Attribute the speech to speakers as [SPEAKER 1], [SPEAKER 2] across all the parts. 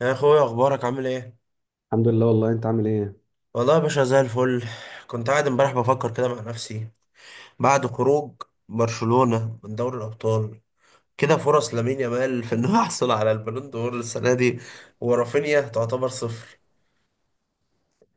[SPEAKER 1] يا اخويا، اخبارك عامل ايه؟
[SPEAKER 2] الحمد لله، والله انت عامل ايه؟
[SPEAKER 1] والله يا باشا زي الفل. كنت قاعد امبارح بفكر كده مع نفسي بعد خروج برشلونة من دوري الابطال. كده فرص لامين يامال في انه يحصل على البالون دور السنه دي، ورافينيا تعتبر صفر،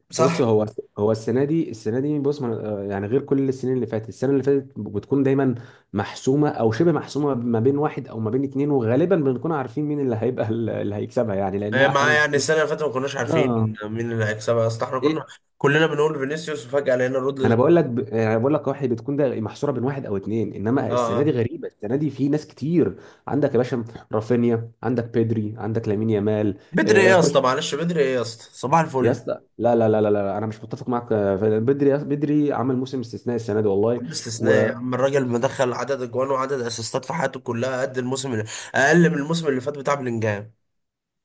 [SPEAKER 1] صح؟
[SPEAKER 2] بص، هو السنه دي، السنه دي بص يعني غير كل السنين اللي فاتت. السنه اللي فاتت بتكون دايما محسومه او شبه محسومه ما بين واحد او ما بين اتنين، وغالبا بنكون عارفين مين اللي هيبقى اللي هيكسبها، يعني لانها
[SPEAKER 1] معاه.
[SPEAKER 2] احيانا
[SPEAKER 1] يعني
[SPEAKER 2] كتير.
[SPEAKER 1] السنه اللي فاتت ما كناش
[SPEAKER 2] اه.
[SPEAKER 1] عارفين مين اللي هيكسبها، اصل احنا
[SPEAKER 2] ايه.
[SPEAKER 1] كنا كلنا بنقول فينيسيوس وفجاه لقينا
[SPEAKER 2] ما انا
[SPEAKER 1] رودري.
[SPEAKER 2] بقول لك يعني انا بقول لك واحد بتكون ده محصوره بين واحد او اتنين، انما
[SPEAKER 1] اه.
[SPEAKER 2] السنه دي
[SPEAKER 1] آه.
[SPEAKER 2] غريبه، السنه دي في ناس كتير. عندك يا باشا رافينيا، عندك بيدري، عندك لامين يامال.
[SPEAKER 1] بدري ايه يا
[SPEAKER 2] خش
[SPEAKER 1] اسطى؟ معلش، بدري ايه يا اسطى؟ صباح
[SPEAKER 2] يا
[SPEAKER 1] الفل.
[SPEAKER 2] اسطى. لا لا لا لا لا، انا مش متفق معاك فعلا. بدري بدري عمل موسم استثنائي السنه دي والله.
[SPEAKER 1] عم استثناء يا عم الراجل، مدخل عدد اجوان وعدد اسيستات في حياته كلها قد الموسم اللي اقل من الموسم اللي فات بتاع بلينجهام.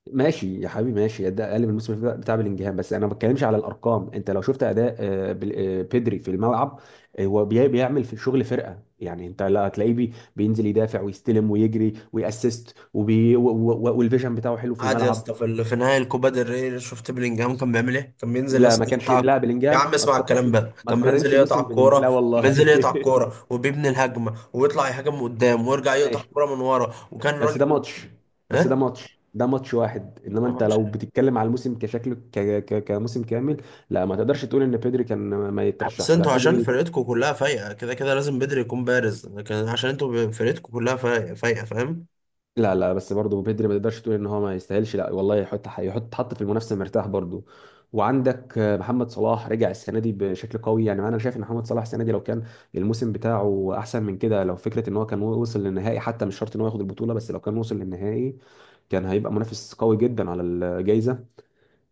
[SPEAKER 2] وماشي يا حبيبي، ماشي، ده اقل من الموسم بتاع بلينجهام، بس انا ما بتكلمش على الارقام. انت لو شفت اداء بدري في الملعب، هو بيعمل في شغل فرقه. يعني انت لا هتلاقيه بينزل يدافع ويستلم ويجري ويأسست وبي و- و- و- والفيجن بتاعه حلو في
[SPEAKER 1] عادي يا
[SPEAKER 2] الملعب.
[SPEAKER 1] اسطى، في في نهائي الكوبا ديل ري شفت بلينجهام كان بيعمل ايه؟ كان بينزل يا
[SPEAKER 2] لا، ما
[SPEAKER 1] اسطى
[SPEAKER 2] كانش
[SPEAKER 1] يقطع الك-.
[SPEAKER 2] لا
[SPEAKER 1] يا
[SPEAKER 2] بلينجهام،
[SPEAKER 1] عم
[SPEAKER 2] ما
[SPEAKER 1] اسمع
[SPEAKER 2] تقارنش.
[SPEAKER 1] الكلام ده.
[SPEAKER 2] ما
[SPEAKER 1] كان بينزل
[SPEAKER 2] تقارنش موسم
[SPEAKER 1] يقطع الكوره.
[SPEAKER 2] بلينجهام، لا
[SPEAKER 1] كان بينزل
[SPEAKER 2] والله
[SPEAKER 1] يقطع الكوره وبيبني الهجمه ويطلع يهاجم من قدام ويرجع يقطع
[SPEAKER 2] ماشي،
[SPEAKER 1] الكوره من ورا وكان
[SPEAKER 2] بس ده
[SPEAKER 1] راجل.
[SPEAKER 2] ماتش.
[SPEAKER 1] ايه؟
[SPEAKER 2] ده ماتش واحد، انما انت
[SPEAKER 1] طبعاً.
[SPEAKER 2] لو بتتكلم على الموسم كشكل كموسم كامل. لا، ما تقدرش تقول ان بيدري كان ما
[SPEAKER 1] بس
[SPEAKER 2] يترشحش، لا،
[SPEAKER 1] انتوا عشان
[SPEAKER 2] بيدري.
[SPEAKER 1] فرقتكم كلها فايقه كده كده لازم بدري يكون بارز، لكن عشان انتوا فرقتكم كلها فايقه فايقه.
[SPEAKER 2] لا لا، بس برضه بيدري ما تقدرش تقول ان هو ما يستاهلش، لا والله، يحط يحط حط في المنافسه مرتاح برضه. وعندك محمد صلاح رجع السنه دي بشكل قوي. يعني انا شايف ان محمد صلاح السنه دي لو كان الموسم بتاعه احسن من كده، لو فكره ان هو كان وصل للنهائي، حتى مش شرط ان هو ياخد البطوله، بس لو كان وصل للنهائي كان هيبقى منافس قوي جدا على الجائزه.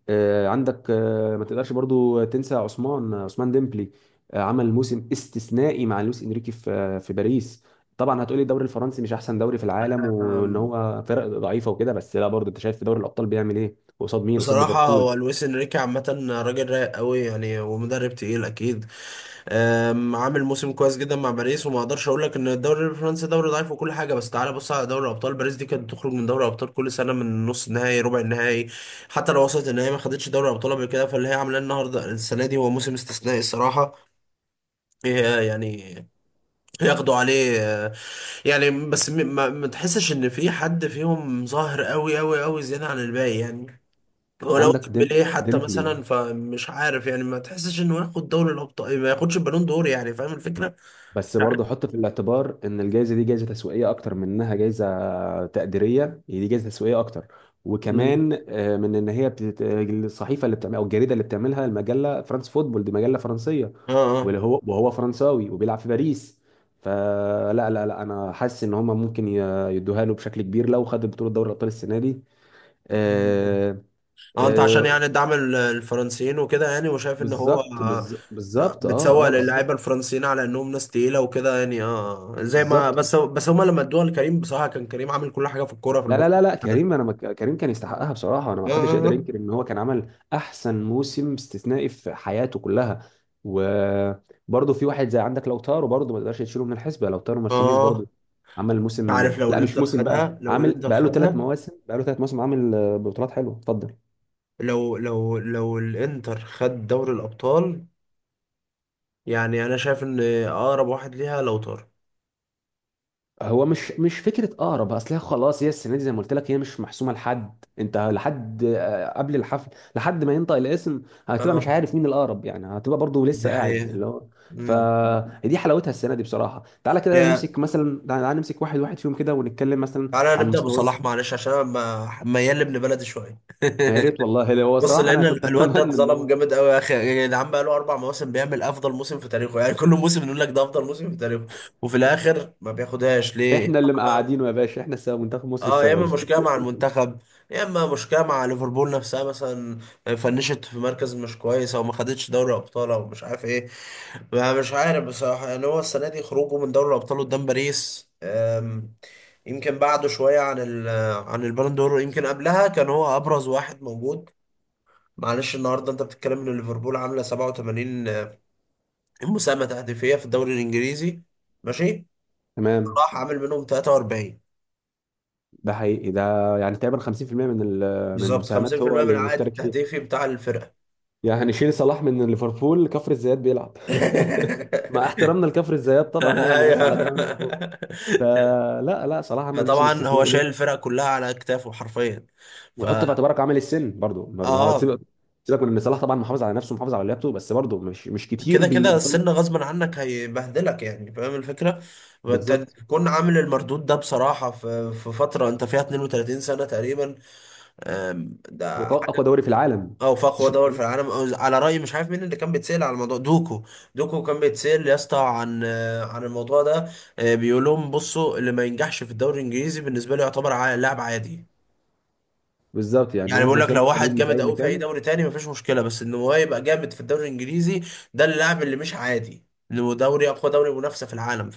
[SPEAKER 2] عندك، ما تقدرش برضو تنسى عثمان، عثمان ديمبلي. عمل موسم استثنائي مع لويس انريكي في في باريس. طبعا هتقولي الدوري الفرنسي مش احسن دوري في العالم وان
[SPEAKER 1] فاهم؟
[SPEAKER 2] هو فرق ضعيفه وكده، بس لا، برضو انت شايف في دوري الابطال بيعمل ايه قصاد مين؟ قصاد
[SPEAKER 1] بصراحة
[SPEAKER 2] ليفربول.
[SPEAKER 1] هو لويس انريكي عامة راجل رايق قوي يعني، ومدرب تقيل اكيد. عامل موسم كويس جدا مع باريس، وما اقدرش اقول لك ان الدوري الفرنسي دوري ضعيف وكل حاجة، بس تعالى بص على دوري ابطال. باريس دي كانت بتخرج من دوري ابطال كل سنة من نص النهائي، ربع النهائي. حتى لو وصلت النهائي ما خدتش دوري ابطال قبل كده، فاللي هي عاملاه النهارده السنة دي هو موسم استثنائي الصراحة. هي يعني ياخدوا عليه. يعني بس ما تحسش ان في حد فيهم ظاهر قوي قوي قوي زيادة عن الباقي يعني. ولو
[SPEAKER 2] عندك
[SPEAKER 1] ديمبلي حتى
[SPEAKER 2] ديمبلي،
[SPEAKER 1] مثلا، فمش عارف يعني ما تحسش انه ياخد دوري الابطال ما ياخدش البالون دور؟ يعني فاهم الفكره؟
[SPEAKER 2] بس
[SPEAKER 1] مش
[SPEAKER 2] برضه
[SPEAKER 1] عارف.
[SPEAKER 2] حط في الاعتبار ان الجائزه دي جائزه تسويقيه اكتر من انها جائزه تقديريه. هي دي جائزه تسويقيه اكتر.
[SPEAKER 1] مم.
[SPEAKER 2] وكمان من ان هي الصحيفه اللي بتعمل او الجريده اللي بتعملها، المجله، فرانس فوتبول دي مجله فرنسيه،
[SPEAKER 1] اه. اه.
[SPEAKER 2] واللي هو وهو فرنساوي وبيلعب في باريس. فلا لا لا لا، انا حاسس ان هم ممكن يدوها له بشكل كبير لو خد بطوله دوري الابطال السنه دي. آه،
[SPEAKER 1] اه، انت عشان
[SPEAKER 2] آه،
[SPEAKER 1] يعني دعم الفرنسيين وكده يعني، وشايف ان هو
[SPEAKER 2] بالظبط،
[SPEAKER 1] آه،
[SPEAKER 2] بالظبط، اه
[SPEAKER 1] بتسوق
[SPEAKER 2] اه
[SPEAKER 1] للاعيبه
[SPEAKER 2] بالظبط.
[SPEAKER 1] الفرنسيين على انهم ناس تقيله وكده يعني. اه. آه. زي ما
[SPEAKER 2] بالظبط.
[SPEAKER 1] بس هما لما ادوها لكريم بصراحه، كان كريم عامل كل حاجه في الكوره في
[SPEAKER 2] لا لا
[SPEAKER 1] الموسم
[SPEAKER 2] لا لا،
[SPEAKER 1] ده.
[SPEAKER 2] كريم، كريم كان يستحقها بصراحه. انا، ما
[SPEAKER 1] اه.
[SPEAKER 2] حدش يقدر
[SPEAKER 1] اه.
[SPEAKER 2] ينكر ان هو كان عمل احسن موسم استثنائي في حياته كلها. وبرضه في واحد زي عندك لوتارو، برضه ما تقدرش تشيله من الحسبه، لوتارو مارتينيز
[SPEAKER 1] آه.
[SPEAKER 2] برضه
[SPEAKER 1] آه.
[SPEAKER 2] عمل موسم،
[SPEAKER 1] عارف لو
[SPEAKER 2] لا مش
[SPEAKER 1] الانتر
[SPEAKER 2] موسم، بقى
[SPEAKER 1] خدها، لو
[SPEAKER 2] عامل،
[SPEAKER 1] الانتر
[SPEAKER 2] بقى له ثلاث
[SPEAKER 1] خدها،
[SPEAKER 2] مواسم عامل بطولات حلوه، اتفضل.
[SPEAKER 1] لو لو الانتر خد دوري الابطال، يعني انا شايف ان اقرب واحد ليها لو طار.
[SPEAKER 2] هو مش فكره اقرب. اصل هي خلاص، هي السنه دي زي ما قلت لك، هي مش محسومه لحد انت، لحد قبل الحفل، لحد ما ينطق الاسم هتبقى
[SPEAKER 1] اه،
[SPEAKER 2] مش عارف مين الاقرب. يعني هتبقى برضو
[SPEAKER 1] دي
[SPEAKER 2] لسه قاعد
[SPEAKER 1] حقيقة.
[SPEAKER 2] اللي هو.
[SPEAKER 1] امم.
[SPEAKER 2] فدي حلاوتها السنه دي بصراحه. تعالى كده
[SPEAKER 1] يا
[SPEAKER 2] نمسك مثلا، تعالى نمسك واحد واحد فيهم كده ونتكلم مثلا
[SPEAKER 1] تعالى
[SPEAKER 2] عن
[SPEAKER 1] نبدأ
[SPEAKER 2] مستوى
[SPEAKER 1] بصلاح،
[SPEAKER 2] السنة.
[SPEAKER 1] معلش عشان انا ميال لابن بلدي شوية
[SPEAKER 2] يا ريت والله، لو هو
[SPEAKER 1] بص،
[SPEAKER 2] صراحه انا
[SPEAKER 1] لأن
[SPEAKER 2] كنت
[SPEAKER 1] الواد
[SPEAKER 2] اتمنى
[SPEAKER 1] ده
[SPEAKER 2] ان
[SPEAKER 1] اتظلم
[SPEAKER 2] هو.
[SPEAKER 1] جامد قوي يا أخي. يعني العم بقى له 4 مواسم بيعمل أفضل موسم في تاريخه. يعني كل موسم نقول لك ده أفضل موسم في تاريخه، وفي الآخر ما بياخدهاش ليه؟
[SPEAKER 2] احنا اللي مقعدينه يا باشا، احنا السبب، منتخب مصر
[SPEAKER 1] اه، يا اما
[SPEAKER 2] السبب
[SPEAKER 1] مشكله مع المنتخب، يا اما مشكله مع ليفربول نفسها مثلا. فنشت في مركز مش كويس، او ما خدتش دوري ابطال، او مش عارف ايه. ما مش عارف بصراحه، يعني هو السنه دي خروجه من دوري الابطال قدام باريس. يمكن بعده شويه عن عن البالون دور. يمكن قبلها كان هو ابرز واحد موجود. معلش النهارده انت بتتكلم ان ليفربول عامله 87 مساهمه تهديفيه في الدوري الانجليزي. ماشي.
[SPEAKER 2] تمام.
[SPEAKER 1] راح عامل منهم 43،
[SPEAKER 2] ده حقيقي. ده يعني تقريبا 50% من من
[SPEAKER 1] بالظبط
[SPEAKER 2] المساهمات هو
[SPEAKER 1] 50% من
[SPEAKER 2] اللي
[SPEAKER 1] العائد
[SPEAKER 2] مشترك فيها.
[SPEAKER 1] التهديفي بتاع الفرقه.
[SPEAKER 2] يعني هنشيل صلاح من ليفربول، كفر الزيات بيلعب. مع احترامنا لكفر الزيات طبعا، يعني ناس على
[SPEAKER 1] ايوه.
[SPEAKER 2] دماغنا من فوق. آه، لا لا، صلاح عمل موسم
[SPEAKER 1] فطبعا هو
[SPEAKER 2] استثنائي له.
[SPEAKER 1] شايل الفرق كلها على اكتافه حرفيا. ف
[SPEAKER 2] وحط في اعتبارك عامل السن برضو. برضو هو
[SPEAKER 1] اه،
[SPEAKER 2] سيبك، سيبك من ان صلاح طبعا محافظ على نفسه، محافظ على لياقته، بس برضو مش كتير
[SPEAKER 1] كده كده
[SPEAKER 2] بيفضل.
[SPEAKER 1] السن غصبا عنك هيبهدلك، يعني فاهم الفكره؟ وانت
[SPEAKER 2] بالظبط.
[SPEAKER 1] تكون عامل المردود ده بصراحه في فتره انت فيها 32 سنه تقريبا.
[SPEAKER 2] هو
[SPEAKER 1] ده
[SPEAKER 2] اقوى دوري في العالم.
[SPEAKER 1] او في اقوى
[SPEAKER 2] بس النقطة
[SPEAKER 1] دول في
[SPEAKER 2] دي.
[SPEAKER 1] العالم، أو على راي مش عارف مين اللي كان بيتسال على الموضوع، دوكو. دوكو كان بيتسال يا اسطى عن عن الموضوع ده. بيقول لهم، بصوا، اللي ما ينجحش في الدوري الانجليزي بالنسبه لي يعتبر لاعب عادي.
[SPEAKER 2] بالظبط، يعني
[SPEAKER 1] يعني بقول
[SPEAKER 2] مهما
[SPEAKER 1] لك
[SPEAKER 2] كان
[SPEAKER 1] لو
[SPEAKER 2] انت
[SPEAKER 1] واحد
[SPEAKER 2] نجم في
[SPEAKER 1] جامد
[SPEAKER 2] اي
[SPEAKER 1] قوي في اي
[SPEAKER 2] مكان.
[SPEAKER 1] دوري تاني مفيش مشكله، بس ان هو يبقى جامد في الدوري الانجليزي، ده اللاعب اللي مش عادي. انه دوري اقوى دوري منافسه في العالم،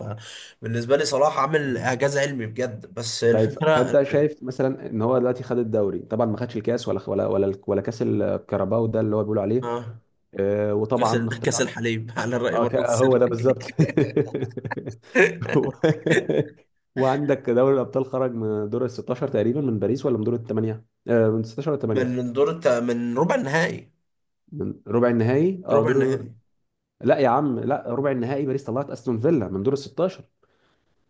[SPEAKER 1] فبالنسبه لي صلاح عامل اعجاز علمي بجد، بس
[SPEAKER 2] طيب
[SPEAKER 1] الفكره.
[SPEAKER 2] فانت شايف مثلا ان هو دلوقتي خد الدوري طبعا، ما خدش الكاس ولا ولا ولا ولا كاس الكاراباو ده اللي هو بيقولوا عليه.
[SPEAKER 1] اه. كاس
[SPEAKER 2] وطبعا.
[SPEAKER 1] كاس الحليب على راي
[SPEAKER 2] اه،
[SPEAKER 1] مرات
[SPEAKER 2] هو
[SPEAKER 1] السري.
[SPEAKER 2] ده بالظبط هو- وعندك دوري الابطال، خرج من دور ال 16 تقريبا من باريس، ولا من دور الثمانيه؟ آه، من 16 ولا 8؟
[SPEAKER 1] من من ربع النهائي.
[SPEAKER 2] من ربع النهائي. اه
[SPEAKER 1] ربع
[SPEAKER 2] دور.
[SPEAKER 1] النهائي.
[SPEAKER 2] لا يا عم، لا، ربع النهائي باريس طلعت استون فيلا من دور ال 16.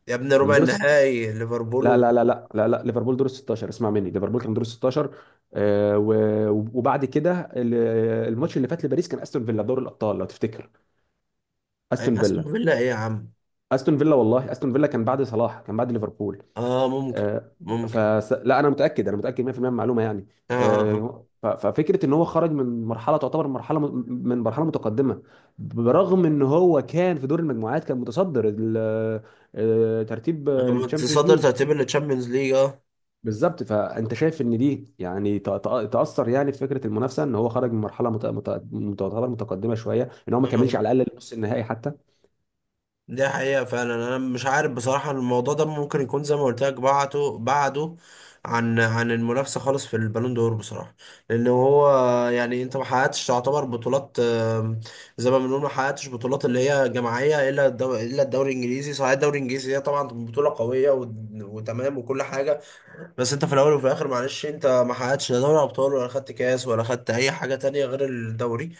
[SPEAKER 1] يا ابني
[SPEAKER 2] من
[SPEAKER 1] ربع
[SPEAKER 2] دور الست...
[SPEAKER 1] النهائي ليفربول
[SPEAKER 2] لا لا لا لا لا لا، ليفربول دور ال 16، اسمع مني، ليفربول كان دور ال 16. آه و... وبعد كده ال- الماتش اللي فات لباريس كان استون فيلا، دور الابطال لو تفتكر. استون
[SPEAKER 1] استون
[SPEAKER 2] فيلا.
[SPEAKER 1] فيلا ايه يا عم.
[SPEAKER 2] استون فيلا والله. استون فيلا كان بعد صلاح، كان بعد ليفربول.
[SPEAKER 1] اه، ممكن.
[SPEAKER 2] آه،
[SPEAKER 1] ممكن.
[SPEAKER 2] لا، انا متاكد، انا متاكد 100% من المعلومه يعني.
[SPEAKER 1] اه. اه. اه.
[SPEAKER 2] ففكره ان هو خرج من مرحله تعتبر مرحله، من مرحله متقدمه. برغم ان هو كان في دور المجموعات كان متصدر ترتيب
[SPEAKER 1] أنا
[SPEAKER 2] التشامبيونز
[SPEAKER 1] متصدر
[SPEAKER 2] ليج.
[SPEAKER 1] ترتيب التشامبيونز ليج. اه.
[SPEAKER 2] بالظبط، فانت شايف ان دي يعني تاثر يعني في فكره المنافسه ان هو خرج من مرحله تعتبر متقدمه شويه، ان هو ما
[SPEAKER 1] آه.
[SPEAKER 2] كملش
[SPEAKER 1] آه.
[SPEAKER 2] على الاقل نص النهائي حتى.
[SPEAKER 1] دي حقيقة فعلا، أنا مش عارف بصراحة. الموضوع ده ممكن يكون زي ما قلت لك، بعده بعده عن المنافسة خالص في البالون دور بصراحة. لأن هو يعني أنت ما حققتش تعتبر بطولات. زي ما بنقول ما حققتش بطولات اللي هي جماعية إلا الدوري الإنجليزي. صحيح الدوري الإنجليزي هي طبعا بطولة قوية و... وتمام وكل حاجة، بس أنت في الأول وفي الآخر معلش. أنت ما حققتش لا دوري أبطال، ولا خدت كاس، ولا خدت أي حاجة تانية غير الدوري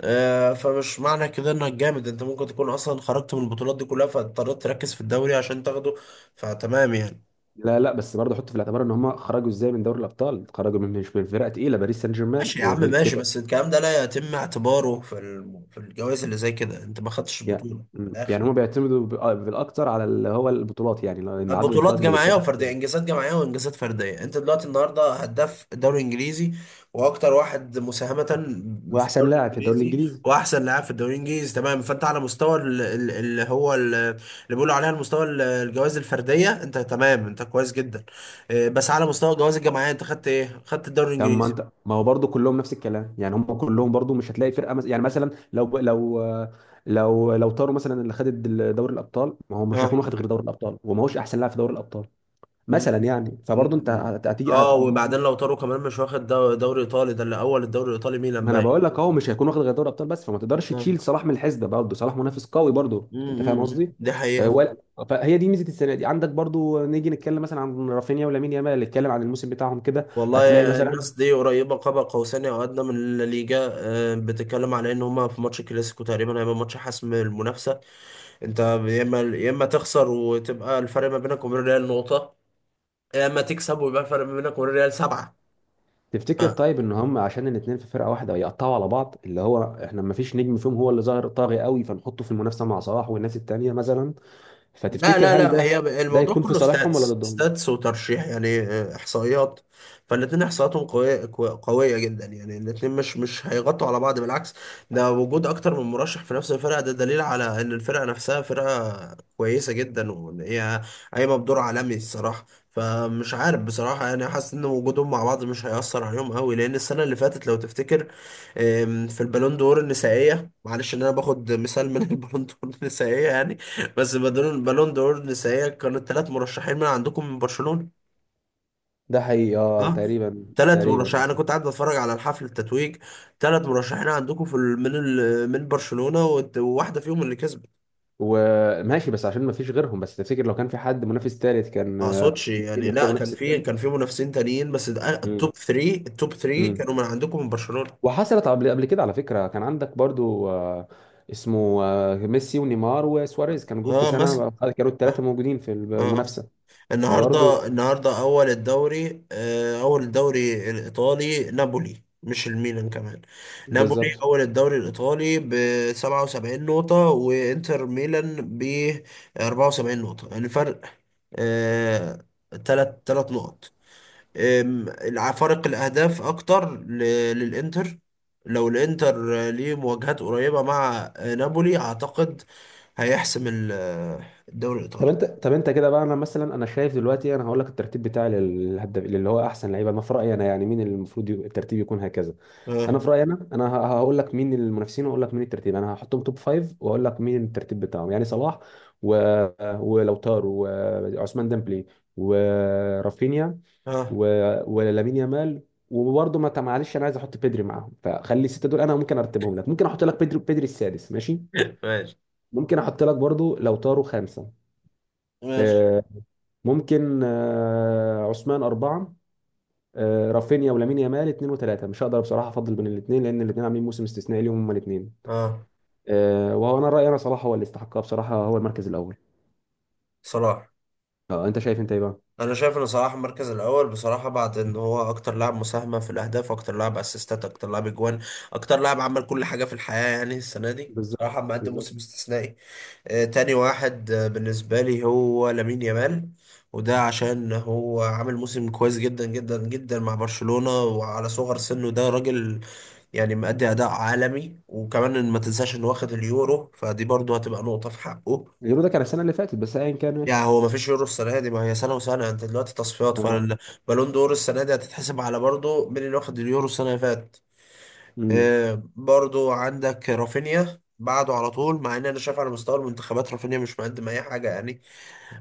[SPEAKER 1] آه، فمش معنى كده انك جامد. انت ممكن تكون اصلا خرجت من البطولات دي كلها فاضطريت تركز في الدوري عشان تاخده، فتمام يعني.
[SPEAKER 2] لا لا، بس برضه حط في الاعتبار ان هم خرجوا ازاي من دوري الابطال، خرجوا من، مش من فرقه تقيله، باريس سان جيرمان،
[SPEAKER 1] ماشي يا عم،
[SPEAKER 2] وغير
[SPEAKER 1] ماشي.
[SPEAKER 2] كده.
[SPEAKER 1] بس الكلام ده لا يتم اعتباره في الجوائز اللي زي كده. انت ما خدتش
[SPEAKER 2] يع-
[SPEAKER 1] البطولة من
[SPEAKER 2] مم.
[SPEAKER 1] الاخر.
[SPEAKER 2] يعني هم بيعتمدوا بالاكتر على اللي هو البطولات، يعني لان عدد
[SPEAKER 1] بطولات
[SPEAKER 2] البطولات اللي
[SPEAKER 1] جماعيه
[SPEAKER 2] جبتها
[SPEAKER 1] وفرديه،
[SPEAKER 2] وكده.
[SPEAKER 1] انجازات جماعيه وانجازات فرديه. انت دلوقتي النهارده هداف الدوري الانجليزي واكتر واحد مساهمه في
[SPEAKER 2] واحسن
[SPEAKER 1] الدوري
[SPEAKER 2] لاعب في الدوري
[SPEAKER 1] الانجليزي
[SPEAKER 2] الانجليزي.
[SPEAKER 1] واحسن لاعب في الدوري الانجليزي، تمام؟ فانت على مستوى اللي بيقولوا عليها المستوى الجوائز الفرديه انت تمام، انت كويس جدا. اه، بس على مستوى الجوائز الجماعيه انت خدت ايه؟ خدت الدوري
[SPEAKER 2] طب ما
[SPEAKER 1] الانجليزي.
[SPEAKER 2] انت، ما هو برضه كلهم نفس الكلام. يعني هم كلهم برضه مش هتلاقي فرقه مثلا. يعني مثلا لو طاروا مثلا، اللي خد دوري الابطال، ما هو مش هيكون
[SPEAKER 1] اه.
[SPEAKER 2] واخد غير دوري الابطال وما هوش احسن لاعب في دوري الابطال
[SPEAKER 1] م-
[SPEAKER 2] مثلا. يعني فبرضه انت
[SPEAKER 1] م-
[SPEAKER 2] هتيجي هت...
[SPEAKER 1] اه، وبعدين لو طاروا كمان مش واخد دوري ايطالي. ده اللي اول الدوري الايطالي ميلان
[SPEAKER 2] ما انا
[SPEAKER 1] باين.
[SPEAKER 2] بقول لك اهو مش هيكون واخد غير دوري ابطال بس، فما تقدرش
[SPEAKER 1] اه.
[SPEAKER 2] تشيل صلاح من الحسبه برضه، صلاح منافس قوي برضه،
[SPEAKER 1] م-
[SPEAKER 2] انت فاهم
[SPEAKER 1] م- م.
[SPEAKER 2] قصدي.
[SPEAKER 1] دي
[SPEAKER 2] ولا.
[SPEAKER 1] حقيقة.
[SPEAKER 2] فهي دي ميزه السنه دي. عندك برضه، نيجي نتكلم مثلا عن رافينيا ولامين يامال، نتكلم عن الموسم بتاعهم كده.
[SPEAKER 1] والله
[SPEAKER 2] هتلاقي مثلا.
[SPEAKER 1] الناس دي قريبة قاب قوسين أو أدنى من الليجا. بتتكلم على إن هما في ماتش كلاسيكو تقريبا هيبقى ماتش حسم المنافسة. أنت يا إما يا إما تخسر وتبقى الفرق ما بينك وبين الريال نقطة، يا إما تكسب ويبقى الفرق ما بينك وبين الريال سبعة.
[SPEAKER 2] تفتكر طيب ان هم عشان الاثنين في فرقه واحده يقطعوا على بعض، اللي هو احنا ما فيش نجم فيهم هو اللي ظاهر طاغي قوي فنحطه في المنافسه مع صلاح والناس التانيه مثلا.
[SPEAKER 1] لا لا
[SPEAKER 2] فتفتكر هل
[SPEAKER 1] لا،
[SPEAKER 2] ده
[SPEAKER 1] هي
[SPEAKER 2] ده
[SPEAKER 1] الموضوع
[SPEAKER 2] يكون في
[SPEAKER 1] كله
[SPEAKER 2] صالحهم ولا
[SPEAKER 1] ستاتس
[SPEAKER 2] ضدهم؟
[SPEAKER 1] ستاتس وترشيح، يعني احصائيات. فالاتنين احصائياتهم قوية قوية جدا، يعني الاتنين مش هيغطوا على بعض، بالعكس. ده وجود اكتر من مرشح في نفس الفرقة ده دليل على ان الفرقة نفسها فرقة كويسة جدا وان هي قايمة بدور عالمي الصراحة. فمش عارف بصراحة، يعني حاسس ان وجودهم مع بعض مش هيأثر عليهم قوي، لان السنة اللي فاتت لو تفتكر، في البالون دور النسائية. معلش ان انا باخد مثال من البالون دور النسائية يعني. بس بالون دور النسائية كانوا الثلاث مرشحين من عندكم من برشلونة.
[SPEAKER 2] ده حقيقي، اه،
[SPEAKER 1] ها،
[SPEAKER 2] تقريبا.
[SPEAKER 1] ثلاث
[SPEAKER 2] تقريبا.
[SPEAKER 1] مرشحين. انا كنت قاعد بتفرج على الحفل التتويج. ثلاث مرشحين عندكم في ال- من ال... من برشلونة، وواحدة فيهم اللي كسبت.
[SPEAKER 2] وماشي، بس عشان ما فيش غيرهم. بس تفتكر لو كان في حد منافس ثالث
[SPEAKER 1] ما
[SPEAKER 2] كان
[SPEAKER 1] اقصدش
[SPEAKER 2] ممكن
[SPEAKER 1] يعني،
[SPEAKER 2] يختار
[SPEAKER 1] لا، كان
[SPEAKER 2] منافس
[SPEAKER 1] في
[SPEAKER 2] الثالث.
[SPEAKER 1] منافسين تانيين، بس
[SPEAKER 2] امم.
[SPEAKER 1] التوب 3، التوب 3
[SPEAKER 2] امم.
[SPEAKER 1] كانوا من عندكم من برشلونة.
[SPEAKER 2] وحصلت قبل كده على فكره. كان عندك برضو اسمه، ميسي ونيمار وسواريز كانوا جم في
[SPEAKER 1] اه،
[SPEAKER 2] سنه.
[SPEAKER 1] مثلا.
[SPEAKER 2] كانوا الثلاثه
[SPEAKER 1] اه.
[SPEAKER 2] موجودين في
[SPEAKER 1] اه. آه.
[SPEAKER 2] المنافسه. فبرضو.
[SPEAKER 1] النهارده النهارده اول الدوري آه، اول الدوري الايطالي نابولي، مش الميلان كمان. نابولي
[SPEAKER 2] بالظبط.
[SPEAKER 1] اول الدوري الايطالي ب 77 نقطه، وانتر ميلان ب 74 نقطه. يعني فرق آه، تلات تلات نقط. فرق الاهداف اكتر للانتر. لو الانتر ليه مواجهات قريبه مع نابولي، اعتقد هيحسم الدوري
[SPEAKER 2] طب
[SPEAKER 1] الايطالي.
[SPEAKER 2] انت، طب انت كده بقى، انا مثلا انا شايف دلوقتي. انا هقول لك الترتيب بتاعي للهدف اللي هو احسن لعيبه انا في رايي انا، يعني مين اللي المفروض يبقى، الترتيب يكون هكذا. انا
[SPEAKER 1] اه.
[SPEAKER 2] في رايي انا، هقول لك مين المنافسين واقول لك مين الترتيب. انا هحطهم توب فايف واقول لك مين الترتيب بتاعهم. يعني صلاح و... ولوتار وعثمان ديمبلي ورافينيا
[SPEAKER 1] اه.
[SPEAKER 2] و... ولامين يامال. وبرضه، ما معلش، انا عايز احط بيدري معاهم، فخلي السته دول. انا ممكن ارتبهم لك. ممكن احط لك بيدري، بيدري السادس ماشي.
[SPEAKER 1] ماشي.
[SPEAKER 2] ممكن احط لك برضه لوتارو خامسه.
[SPEAKER 1] ماشي.
[SPEAKER 2] آه، ممكن عثمان اربعه. رافينيا ولامين يامال اثنين وثلاثه، مش هقدر بصراحه افضل بين الاثنين، لان الاثنين عاملين موسم استثنائي ليهم هما الاثنين.
[SPEAKER 1] اه.
[SPEAKER 2] وانا رايي انا، صلاح هو اللي استحقها بصراحه، هو المركز الاول.
[SPEAKER 1] صلاح.
[SPEAKER 2] اه، انت شايف انت ايه بقى؟
[SPEAKER 1] انا شايف ان صلاح المركز الاول بصراحه، بعد ان هو اكتر لاعب مساهمه في الاهداف، اكتر لاعب اسيستات، اكتر لاعب اجوان، اكتر لاعب عمل كل حاجه في الحياه. يعني السنه دي
[SPEAKER 2] بالظبط.
[SPEAKER 1] صراحه مقدم
[SPEAKER 2] بالظبط.
[SPEAKER 1] موسم استثنائي. تاني واحد بالنسبه لي هو لامين يامال. وده عشان هو عامل موسم كويس جدا جدا جدا مع برشلونه، وعلى صغر سنه ده راجل يعني مأدي اداء عالمي. وكمان إن ما تنساش انه واخد اليورو، فدي برضه هتبقى نقطه في حقه.
[SPEAKER 2] اليورو ده كان السنه اللي فاتت، بس ايا كان،
[SPEAKER 1] يعني
[SPEAKER 2] ماشي.
[SPEAKER 1] هو ما فيش يورو السنه دي، ما هي سنه وسنه. انت دلوقتي تصفيات
[SPEAKER 2] اه.
[SPEAKER 1] فالبالون دور السنه دي هتتحسب على برضه مين اللي واخد اليورو السنه اللي فاتت.
[SPEAKER 2] امم.
[SPEAKER 1] برضه عندك رافينيا بعده على طول، مع ان انا شايف على مستوى المنتخبات رافينيا مش مقدم اي حاجه يعني.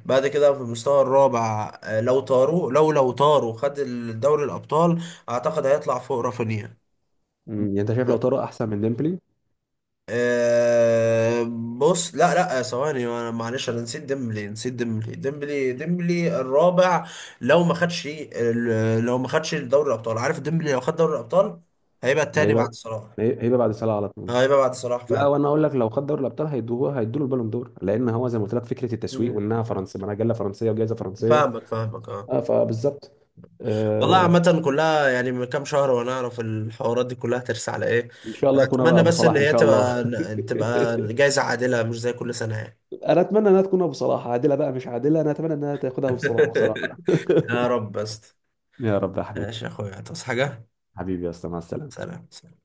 [SPEAKER 1] بعد كده في المستوى الرابع، لو طاروا خد الدوري الابطال، اعتقد هيطلع فوق رافينيا.
[SPEAKER 2] أمم. يعني انت شايف لو طارق احسن من ديمبلي؟
[SPEAKER 1] أه. بص، لا لا، ثواني، انا معلش انا نسيت ديمبلي. نسيت ديمبلي. ديمبلي الرابع. لو ما خدش لو ما خدش دوري الابطال، عارف ديمبلي لو خد دوري الابطال هيبقى التاني بعد
[SPEAKER 2] هيبقى،
[SPEAKER 1] صلاح.
[SPEAKER 2] هيبقى بعد صلاح على طول.
[SPEAKER 1] هيبقى بعد صلاح
[SPEAKER 2] لا،
[SPEAKER 1] فعلا.
[SPEAKER 2] وانا اقول لك لو خد دوري الابطال هيدوه، هيدوا له البالون دور، لان هو زي ما قلت لك فكره التسويق
[SPEAKER 1] مم.
[SPEAKER 2] وانها فرنسا، مجله فرنسيه وجائزه فرنسيه.
[SPEAKER 1] فاهمك، فاهمك. اه.
[SPEAKER 2] اه، فبالظبط.
[SPEAKER 1] والله
[SPEAKER 2] آه.
[SPEAKER 1] عامة كلها يعني من كام شهر وانا اعرف الحوارات دي كلها ترسى على ايه.
[SPEAKER 2] ان شاء الله يكون بقى
[SPEAKER 1] اتمنى
[SPEAKER 2] ابو
[SPEAKER 1] بس
[SPEAKER 2] صلاح
[SPEAKER 1] ان
[SPEAKER 2] ان
[SPEAKER 1] هي
[SPEAKER 2] شاء الله
[SPEAKER 1] تبقى جايزة عادلة مش زي كل سنة يعني.
[SPEAKER 2] انا اتمنى انها تكون ابو صلاح، عادله بقى مش عادله، انا اتمنى انها تاخدها ابو صلاح بصراحه
[SPEAKER 1] يا رب بس.
[SPEAKER 2] يا رب يا حبيبي.
[SPEAKER 1] ماشي يا اخويا، تصحى حاجة.
[SPEAKER 2] حبيبي يا اسطى، مع السلامة.
[SPEAKER 1] سلام.